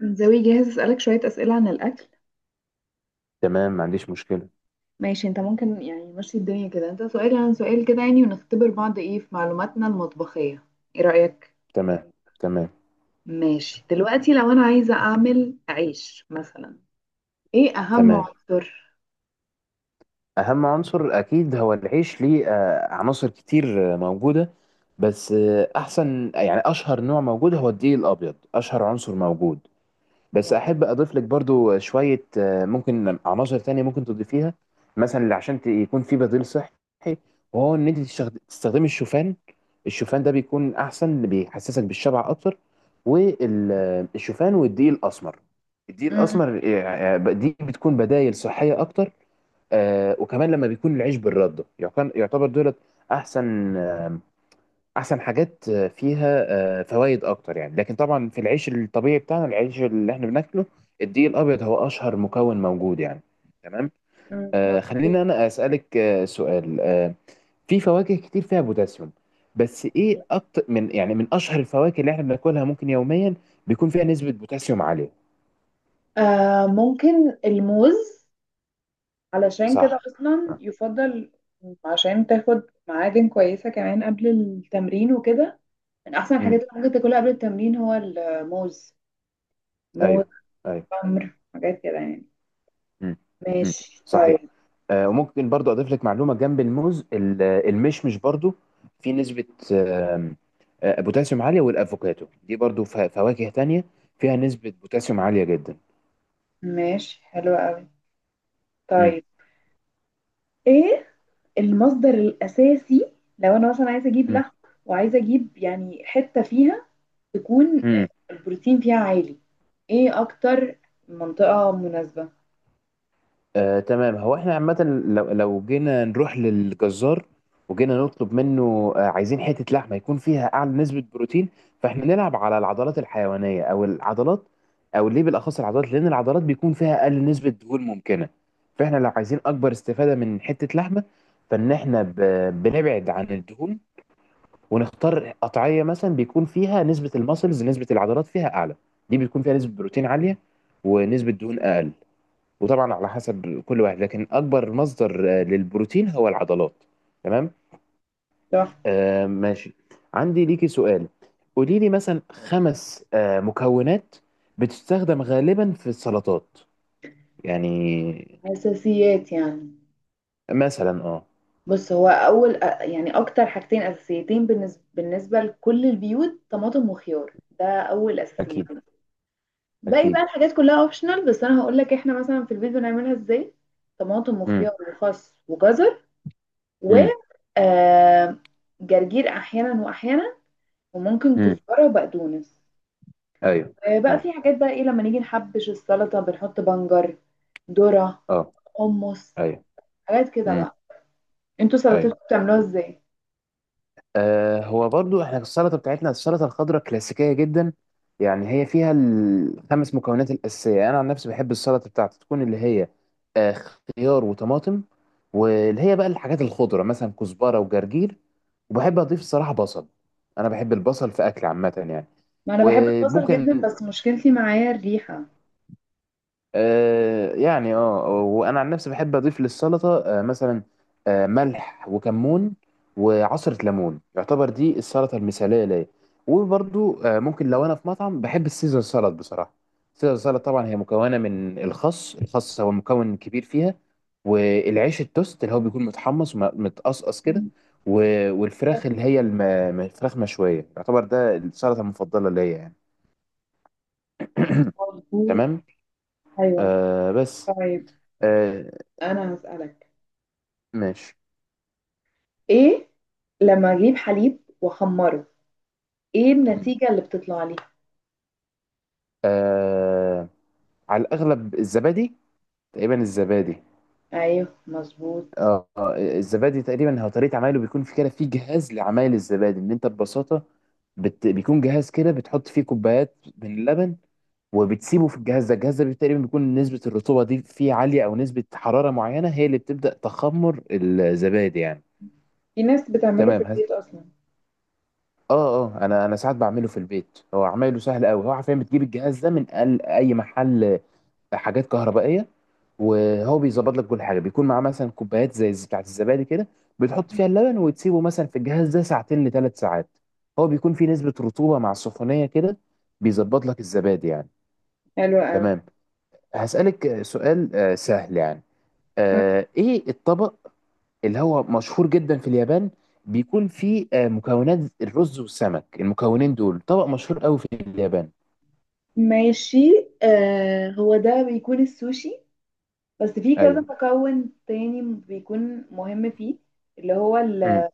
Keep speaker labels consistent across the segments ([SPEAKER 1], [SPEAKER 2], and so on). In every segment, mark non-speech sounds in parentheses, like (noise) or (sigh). [SPEAKER 1] زوي، جاهز اسألك شوية أسئلة عن الأكل.
[SPEAKER 2] تمام. ما عنديش مشكلة.
[SPEAKER 1] ماشي، انت ممكن، يعني ماشي الدنيا كده، انت سؤال عن سؤال كده يعني، ونختبر بعض ايه في معلوماتنا المطبخية. ايه رأيك؟
[SPEAKER 2] تمام. تمام.
[SPEAKER 1] ماشي. دلوقتي لو انا عايزة اعمل عيش مثلا، ايه اهم
[SPEAKER 2] تمام.
[SPEAKER 1] عنصر؟
[SPEAKER 2] أهم عنصر أكيد هو العيش. ليه؟ عناصر كتير، موجودة. بس أحسن يعني أشهر نوع موجود هو الدقيق الأبيض، أشهر عنصر موجود. بس احب اضيف لك برضو شويه، ممكن عناصر تانية ممكن تضيفيها. مثلا اللي عشان يكون في بديل صحي، وهو ان انت تستخدمي الشوفان. الشوفان ده بيكون احسن، اللي بيحسسك بالشبع اكتر. والشوفان والدقيق الاسمر، الدقيق
[SPEAKER 1] مم،
[SPEAKER 2] الاسمر آه، آه، دي بتكون بدائل صحيه اكتر. وكمان لما بيكون العيش بالرده يعتبر، دولت احسن، حاجات فيها فوائد اكتر يعني. لكن طبعا في العيش الطبيعي بتاعنا، العيش اللي احنا بناكله، الدقيق الابيض هو اشهر مكون موجود يعني. تمام.
[SPEAKER 1] مم،
[SPEAKER 2] آه،
[SPEAKER 1] مظبوط.
[SPEAKER 2] خليني انا اسالك سؤال في فواكه كتير فيها بوتاسيوم، بس ايه اكتر من، يعني من اشهر الفواكه اللي احنا بناكلها ممكن يوميا بيكون فيها نسبة بوتاسيوم عالية؟
[SPEAKER 1] آه، ممكن الموز. علشان كده
[SPEAKER 2] صح.
[SPEAKER 1] اصلا
[SPEAKER 2] آه.
[SPEAKER 1] يفضل، عشان تاخد معادن كويسة كمان قبل التمرين وكده. من احسن الحاجات
[SPEAKER 2] امم.
[SPEAKER 1] اللي ممكن تاكلها قبل التمرين هو الموز. موز.
[SPEAKER 2] ايوه. ايوه.
[SPEAKER 1] عمر حاجات كده يعني.
[SPEAKER 2] مم. مم.
[SPEAKER 1] ماشي
[SPEAKER 2] صحيح.
[SPEAKER 1] طيب.
[SPEAKER 2] وممكن برضو اضيف لك معلومه جنب الموز، المشمش برضو، في نسبه آم، بوتاسيوم عاليه. والافوكاتو دي برضو، فواكه تانية فيها نسبه بوتاسيوم عاليه جدا.
[SPEAKER 1] ماشي حلو قوي.
[SPEAKER 2] مم.
[SPEAKER 1] طيب، ايه المصدر الاساسي لو انا مثلا عايزه اجيب لحم، وعايزه اجيب يعني حته فيها، تكون
[SPEAKER 2] مم.
[SPEAKER 1] البروتين فيها عالي؟ ايه اكتر منطقه مناسبه؟
[SPEAKER 2] تمام. هو احنا عامة لو، جينا نروح للجزار، وجينا نطلب منه، عايزين حتة لحمة يكون فيها أعلى نسبة بروتين، فاحنا نلعب على العضلات الحيوانية، أو العضلات، أو ليه بالأخص العضلات؟ لأن العضلات بيكون فيها أقل نسبة دهون ممكنة. فاحنا لو عايزين أكبر استفادة من حتة لحمة، فإن احنا بنبعد عن الدهون، ونختار قطعية مثلا بيكون فيها نسبة المسلز، نسبة العضلات فيها أعلى. دي بيكون فيها نسبة بروتين عالية ونسبة دهون أقل. وطبعا على حسب كل واحد، لكن اكبر مصدر للبروتين هو العضلات. تمام.
[SPEAKER 1] صح.
[SPEAKER 2] آه ماشي. عندي ليكي سؤال، قولي لي مثلا خمس مكونات بتستخدم غالبا في السلطات يعني.
[SPEAKER 1] اساسيات يعني.
[SPEAKER 2] مثلا اه.
[SPEAKER 1] بص، هو اول يعني اكتر حاجتين اساسيتين بالنسبه لكل البيوت، طماطم وخيار، ده اول
[SPEAKER 2] اكيد.
[SPEAKER 1] اساسيتين. باقي بقى
[SPEAKER 2] اكيد.
[SPEAKER 1] الحاجات كلها اوبشنال، بس انا هقول لك احنا مثلا في البيت بنعملها ازاي. طماطم وخيار
[SPEAKER 2] امم.
[SPEAKER 1] وخس وجزر و
[SPEAKER 2] امم.
[SPEAKER 1] آه، جرجير احيانا واحيانا، وممكن
[SPEAKER 2] امم.
[SPEAKER 1] كزبره وبقدونس.
[SPEAKER 2] ايوه.
[SPEAKER 1] آه، بقى
[SPEAKER 2] ايوه.
[SPEAKER 1] في حاجات بقى، ايه لما نيجي نحبش السلطه بنحط بنجر، ذره،
[SPEAKER 2] اه.
[SPEAKER 1] حمص،
[SPEAKER 2] ايوه.
[SPEAKER 1] حاجات كده
[SPEAKER 2] امم.
[SPEAKER 1] بقى. انتوا
[SPEAKER 2] ايوه.
[SPEAKER 1] سلطتكم بتعملوها ازاي؟
[SPEAKER 2] آه هو برضو احنا السلطه بتاعتنا، السلطه الخضراء كلاسيكيه جدا يعني. هي فيها الخمس مكونات الاساسيه. انا عن نفسي بحب السلطه بتاعتي تكون اللي هي آه خيار وطماطم، واللي هي بقى الحاجات الخضره مثلا كزبره وجرجير. وبحب اضيف الصراحه بصل، انا بحب البصل في اكل عامه يعني.
[SPEAKER 1] ما انا بحب البصل جدا
[SPEAKER 2] وممكن
[SPEAKER 1] بس مشكلتي معايا الريحه.
[SPEAKER 2] آه يعني اه، وانا عن نفسي بحب اضيف للسلطه مثلا ملح وكمون وعصره ليمون. يعتبر دي السلطه المثاليه ليا. وبرضو ممكن لو انا في مطعم بحب السيزر سلطه بصراحه. السيزر سلطه طبعا هي مكونه من الخس، الخس هو مكون كبير فيها، والعيش التوست اللي هو بيكون متحمص ومتقصقص كده،
[SPEAKER 1] مم.
[SPEAKER 2] والفراخ اللي هي فراخ مشويه. يعتبر ده السلطه المفضله ليا يعني. (clears throat)
[SPEAKER 1] مظبوط.
[SPEAKER 2] تمام.
[SPEAKER 1] ايوه،
[SPEAKER 2] آه بس.
[SPEAKER 1] طيب
[SPEAKER 2] آه،
[SPEAKER 1] انا هسألك،
[SPEAKER 2] ماشي.
[SPEAKER 1] ايه لما اجيب حليب واخمره، ايه
[SPEAKER 2] مم.
[SPEAKER 1] النتيجة اللي بتطلع لي؟
[SPEAKER 2] آه على الأغلب الزبادي، تقريبا الزبادي.
[SPEAKER 1] ايوه مظبوط.
[SPEAKER 2] آه، الزبادي تقريبا هو طريقة عمايله، بيكون في كده في جهاز لعمايل الزبادي، إن أنت ببساطة بيكون جهاز كده بتحط فيه كوبايات من اللبن، وبتسيبه في الجهاز ده. الجهاز ده تقريبا بيكون نسبة الرطوبة دي فيه عالية، أو نسبة حرارة معينة هي اللي بتبدأ تخمر الزبادي يعني.
[SPEAKER 1] في ناس بتعمله في
[SPEAKER 2] تمام.
[SPEAKER 1] البيت اصلا.
[SPEAKER 2] اه. اه انا، ساعات بعمله في البيت، هو عمايله سهل قوي. هو عارفين بتجيب الجهاز ده من اي محل حاجات كهربائيه. وهو بيظبط لك كل حاجه، بيكون معاه مثلا كوبايات زي بتاعت الزبادي كده، بتحط فيها اللبن وتسيبه مثلا في الجهاز ده ساعتين لثلاث ساعات. هو بيكون فيه نسبه رطوبه مع السخونيه كده، بيظبط لك الزبادي يعني.
[SPEAKER 1] حلو قوي.
[SPEAKER 2] تمام. هسألك سؤال سهل يعني.
[SPEAKER 1] م-
[SPEAKER 2] ايه الطبق اللي هو مشهور جدا في اليابان، بيكون فيه مكونات الرز والسمك؟ المكونين دول طبق مشهور قوي في اليابان.
[SPEAKER 1] ماشي. آه، هو ده بيكون السوشي، بس في كذا
[SPEAKER 2] ايوه.
[SPEAKER 1] مكون تاني بيكون مهم فيه، اللي هو
[SPEAKER 2] امم.
[SPEAKER 1] ال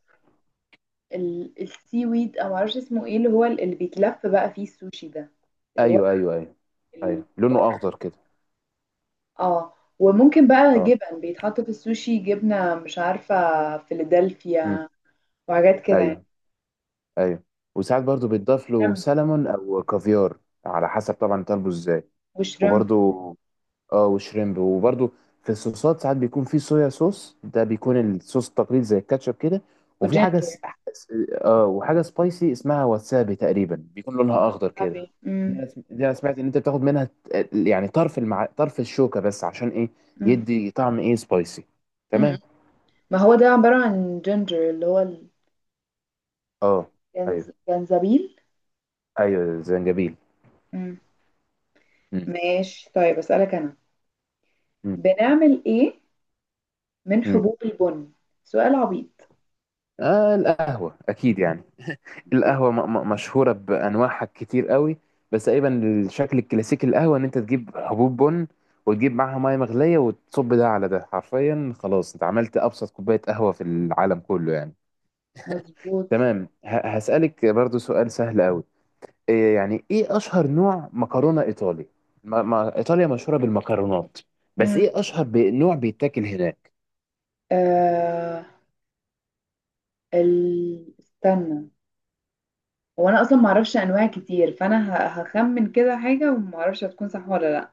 [SPEAKER 1] ال السي ويد، او معرفش اسمه ايه، اللي هو اللي بيتلف بقى فيه السوشي ده، اللي هو ال-
[SPEAKER 2] ايوه. ايوه. ايوه. ايوه،
[SPEAKER 1] الورق.
[SPEAKER 2] لونه اخضر كده.
[SPEAKER 1] اه، وممكن بقى
[SPEAKER 2] اه.
[SPEAKER 1] جبن بيتحط في السوشي، جبنة مش عارفة،
[SPEAKER 2] مم.
[SPEAKER 1] فيلادلفيا وحاجات كده يعني.
[SPEAKER 2] ايوه. ايوه. وساعات برضو بيتضاف له
[SPEAKER 1] شريمب.
[SPEAKER 2] سلمون او كافيار، على حسب طبعا طالبه ازاي.
[SPEAKER 1] وشريمب.
[SPEAKER 2] وبرضو اه، وشريمب. وبرضو في الصوصات ساعات بيكون في صويا صوص، ده بيكون الصوص التقليدي زي الكاتشب كده. وفي حاجه
[SPEAKER 1] وجينجر.
[SPEAKER 2] اه، وحاجه سبايسي اسمها واتسابي تقريبا، بيكون لونها اخضر كده.
[SPEAKER 1] وسابي.
[SPEAKER 2] دي
[SPEAKER 1] مم.
[SPEAKER 2] انا دي أنا سمعت ان انت بتاخد منها يعني طرف طرف الشوكه بس، عشان ايه؟
[SPEAKER 1] مم.
[SPEAKER 2] يدي طعم ايه سبايسي.
[SPEAKER 1] مم.
[SPEAKER 2] تمام.
[SPEAKER 1] ما هو ده عبارة عن جينجر، اللي هو
[SPEAKER 2] اه ايوه.
[SPEAKER 1] جنزبيل.
[SPEAKER 2] ايوه زنجبيل.
[SPEAKER 1] مم.
[SPEAKER 2] مم.
[SPEAKER 1] ماشي. طيب أسألك أنا، بنعمل إيه من
[SPEAKER 2] مم.
[SPEAKER 1] حبوب البن؟ سؤال عبيط.
[SPEAKER 2] آه القهوة أكيد يعني.
[SPEAKER 1] ماشي.
[SPEAKER 2] القهوة مشهورة بأنواعها كتير قوي. بس تقريبا الشكل الكلاسيكي القهوة إن أنت تجيب حبوب بن، وتجيب معاها مية مغلية، وتصب ده على ده، حرفيا خلاص أنت عملت أبسط كوباية قهوة في العالم كله يعني.
[SPEAKER 1] مظبوط.
[SPEAKER 2] تمام. هسألك برضو سؤال سهل قوي. إيه يعني، إيه أشهر نوع مكرونة إيطالي؟ ما إيطاليا مشهورة بالمكرونات، بس
[SPEAKER 1] مم.
[SPEAKER 2] إيه أشهر نوع بيتاكل هناك؟
[SPEAKER 1] آه... استنى، هو أنا أصلا معرفش أنواع كتير، فأنا هخمن كده حاجة ومعرفش هتكون صح ولا لأ.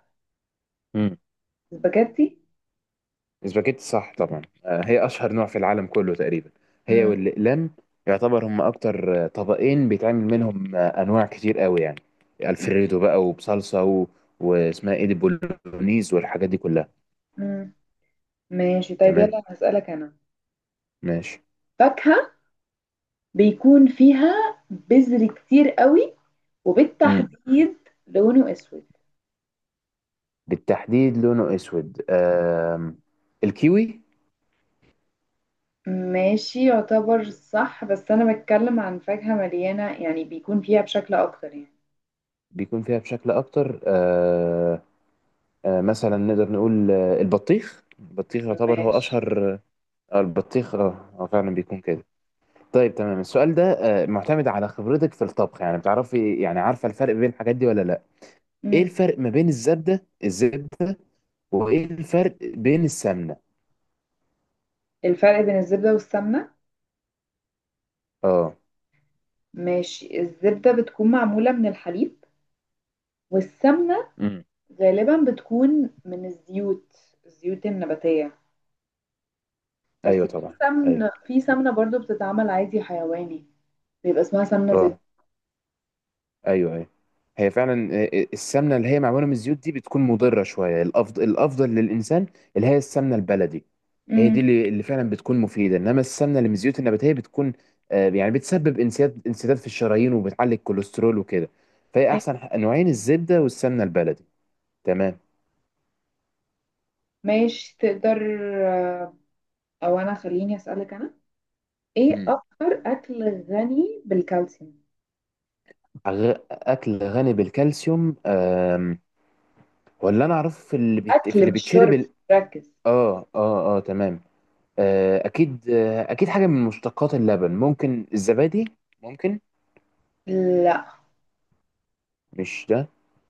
[SPEAKER 1] سباجيتي.
[SPEAKER 2] اسباجيتي، صح طبعا. هي اشهر نوع في العالم كله تقريبا، هي
[SPEAKER 1] مم.
[SPEAKER 2] والاقلام. يعتبر هم اكتر طبقين بيتعمل منهم انواع كتير قوي يعني.
[SPEAKER 1] مم.
[SPEAKER 2] الفريدو بقى، وبصلصه، و... واسمها ايه دي، بولونيز، والحاجات دي كلها.
[SPEAKER 1] مم. ماشي طيب، يلا
[SPEAKER 2] تمام.
[SPEAKER 1] أنا هسألك أنا،
[SPEAKER 2] ماشي.
[SPEAKER 1] فاكهة بيكون فيها بذر كتير قوي،
[SPEAKER 2] امم.
[SPEAKER 1] وبالتحديد لونه اسود.
[SPEAKER 2] بالتحديد لونه اسود. الكيوي.
[SPEAKER 1] ماشي، يعتبر صح، بس انا بتكلم عن فاكهة مليانة، يعني بيكون فيها بشكل اكتر يعني.
[SPEAKER 2] بيكون فيها بشكل اكتر مثلا نقدر نقول البطيخ. يعتبر هو
[SPEAKER 1] ماشي.
[SPEAKER 2] اشهر. البطيخ اه، هو فعلا بيكون كده. طيب تمام. السؤال ده معتمد على خبرتك في الطبخ يعني، بتعرفي يعني عارفة الفرق بين الحاجات دي ولا لا؟ ايه
[SPEAKER 1] مم.
[SPEAKER 2] الفرق ما بين الزبدة، وايه الفرق بين السمنة؟
[SPEAKER 1] الفرق بين الزبدة والسمنة.
[SPEAKER 2] اه.
[SPEAKER 1] ماشي، الزبدة بتكون معمولة من الحليب، والسمنة
[SPEAKER 2] امم.
[SPEAKER 1] غالبا بتكون من الزيوت، الزيوت النباتية. بس
[SPEAKER 2] ايوه
[SPEAKER 1] في
[SPEAKER 2] طبعا. ايوه.
[SPEAKER 1] سمنة برضو بتتعمل عادي حيواني، بيبقى اسمها سمنة زبدة.
[SPEAKER 2] اه. ايوه. ايوه. هي فعلا السمنه اللي هي معموله من الزيوت دي بتكون مضره شويه. الافضل، للانسان اللي هي السمنه البلدي. هي دي
[SPEAKER 1] مم.
[SPEAKER 2] اللي، فعلا بتكون مفيده. انما السمنه اللي من الزيوت النباتيه بتكون، يعني بتسبب انسداد، في الشرايين، وبتعلي الكوليسترول وكده. فهي احسن نوعين الزبده والسمنه البلدي. تمام.
[SPEAKER 1] ماشي تقدر، آه، او انا خليني اسالك انا، ايه
[SPEAKER 2] مم.
[SPEAKER 1] اكتر اكل غني بالكالسيوم؟
[SPEAKER 2] اكل غني بالكالسيوم. ولا، انا اعرف في في
[SPEAKER 1] اكل
[SPEAKER 2] اللي
[SPEAKER 1] مش
[SPEAKER 2] بيتشرب
[SPEAKER 1] شرب،
[SPEAKER 2] ال...
[SPEAKER 1] ركز.
[SPEAKER 2] اه اه اه تمام. اكيد، اكيد حاجه من مشتقات اللبن، ممكن الزبادي ممكن.
[SPEAKER 1] لا.
[SPEAKER 2] مش ده؟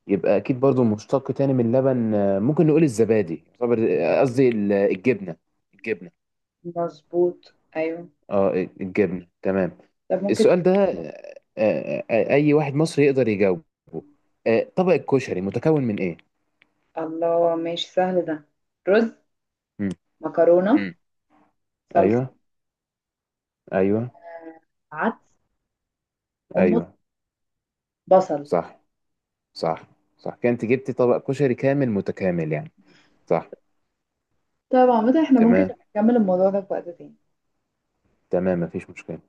[SPEAKER 2] يبقى اكيد برضو مشتق تاني من اللبن، ممكن نقول الزبادي قصدي الجبنه. الجبنه.
[SPEAKER 1] مظبوط، ايوه.
[SPEAKER 2] اه الجبنه. تمام.
[SPEAKER 1] طب ممكن
[SPEAKER 2] السؤال ده اي واحد مصري يقدر يجاوبه. طبق الكشري متكون من ايه؟
[SPEAKER 1] الله، ماشي سهل ده. رز،
[SPEAKER 2] مم.
[SPEAKER 1] مكرونه،
[SPEAKER 2] مم.
[SPEAKER 1] صلصه،
[SPEAKER 2] ايوه. ايوه.
[SPEAKER 1] عدس، حمص،
[SPEAKER 2] ايوه.
[SPEAKER 1] بصل.
[SPEAKER 2] صح. صح. صح، كانت جبتي طبق كشري كامل متكامل يعني. صح.
[SPEAKER 1] طب عامة احنا ممكن
[SPEAKER 2] تمام.
[SPEAKER 1] نبقى نكمل الموضوع ده في وقت تاني.
[SPEAKER 2] تمام، مفيش مشكله.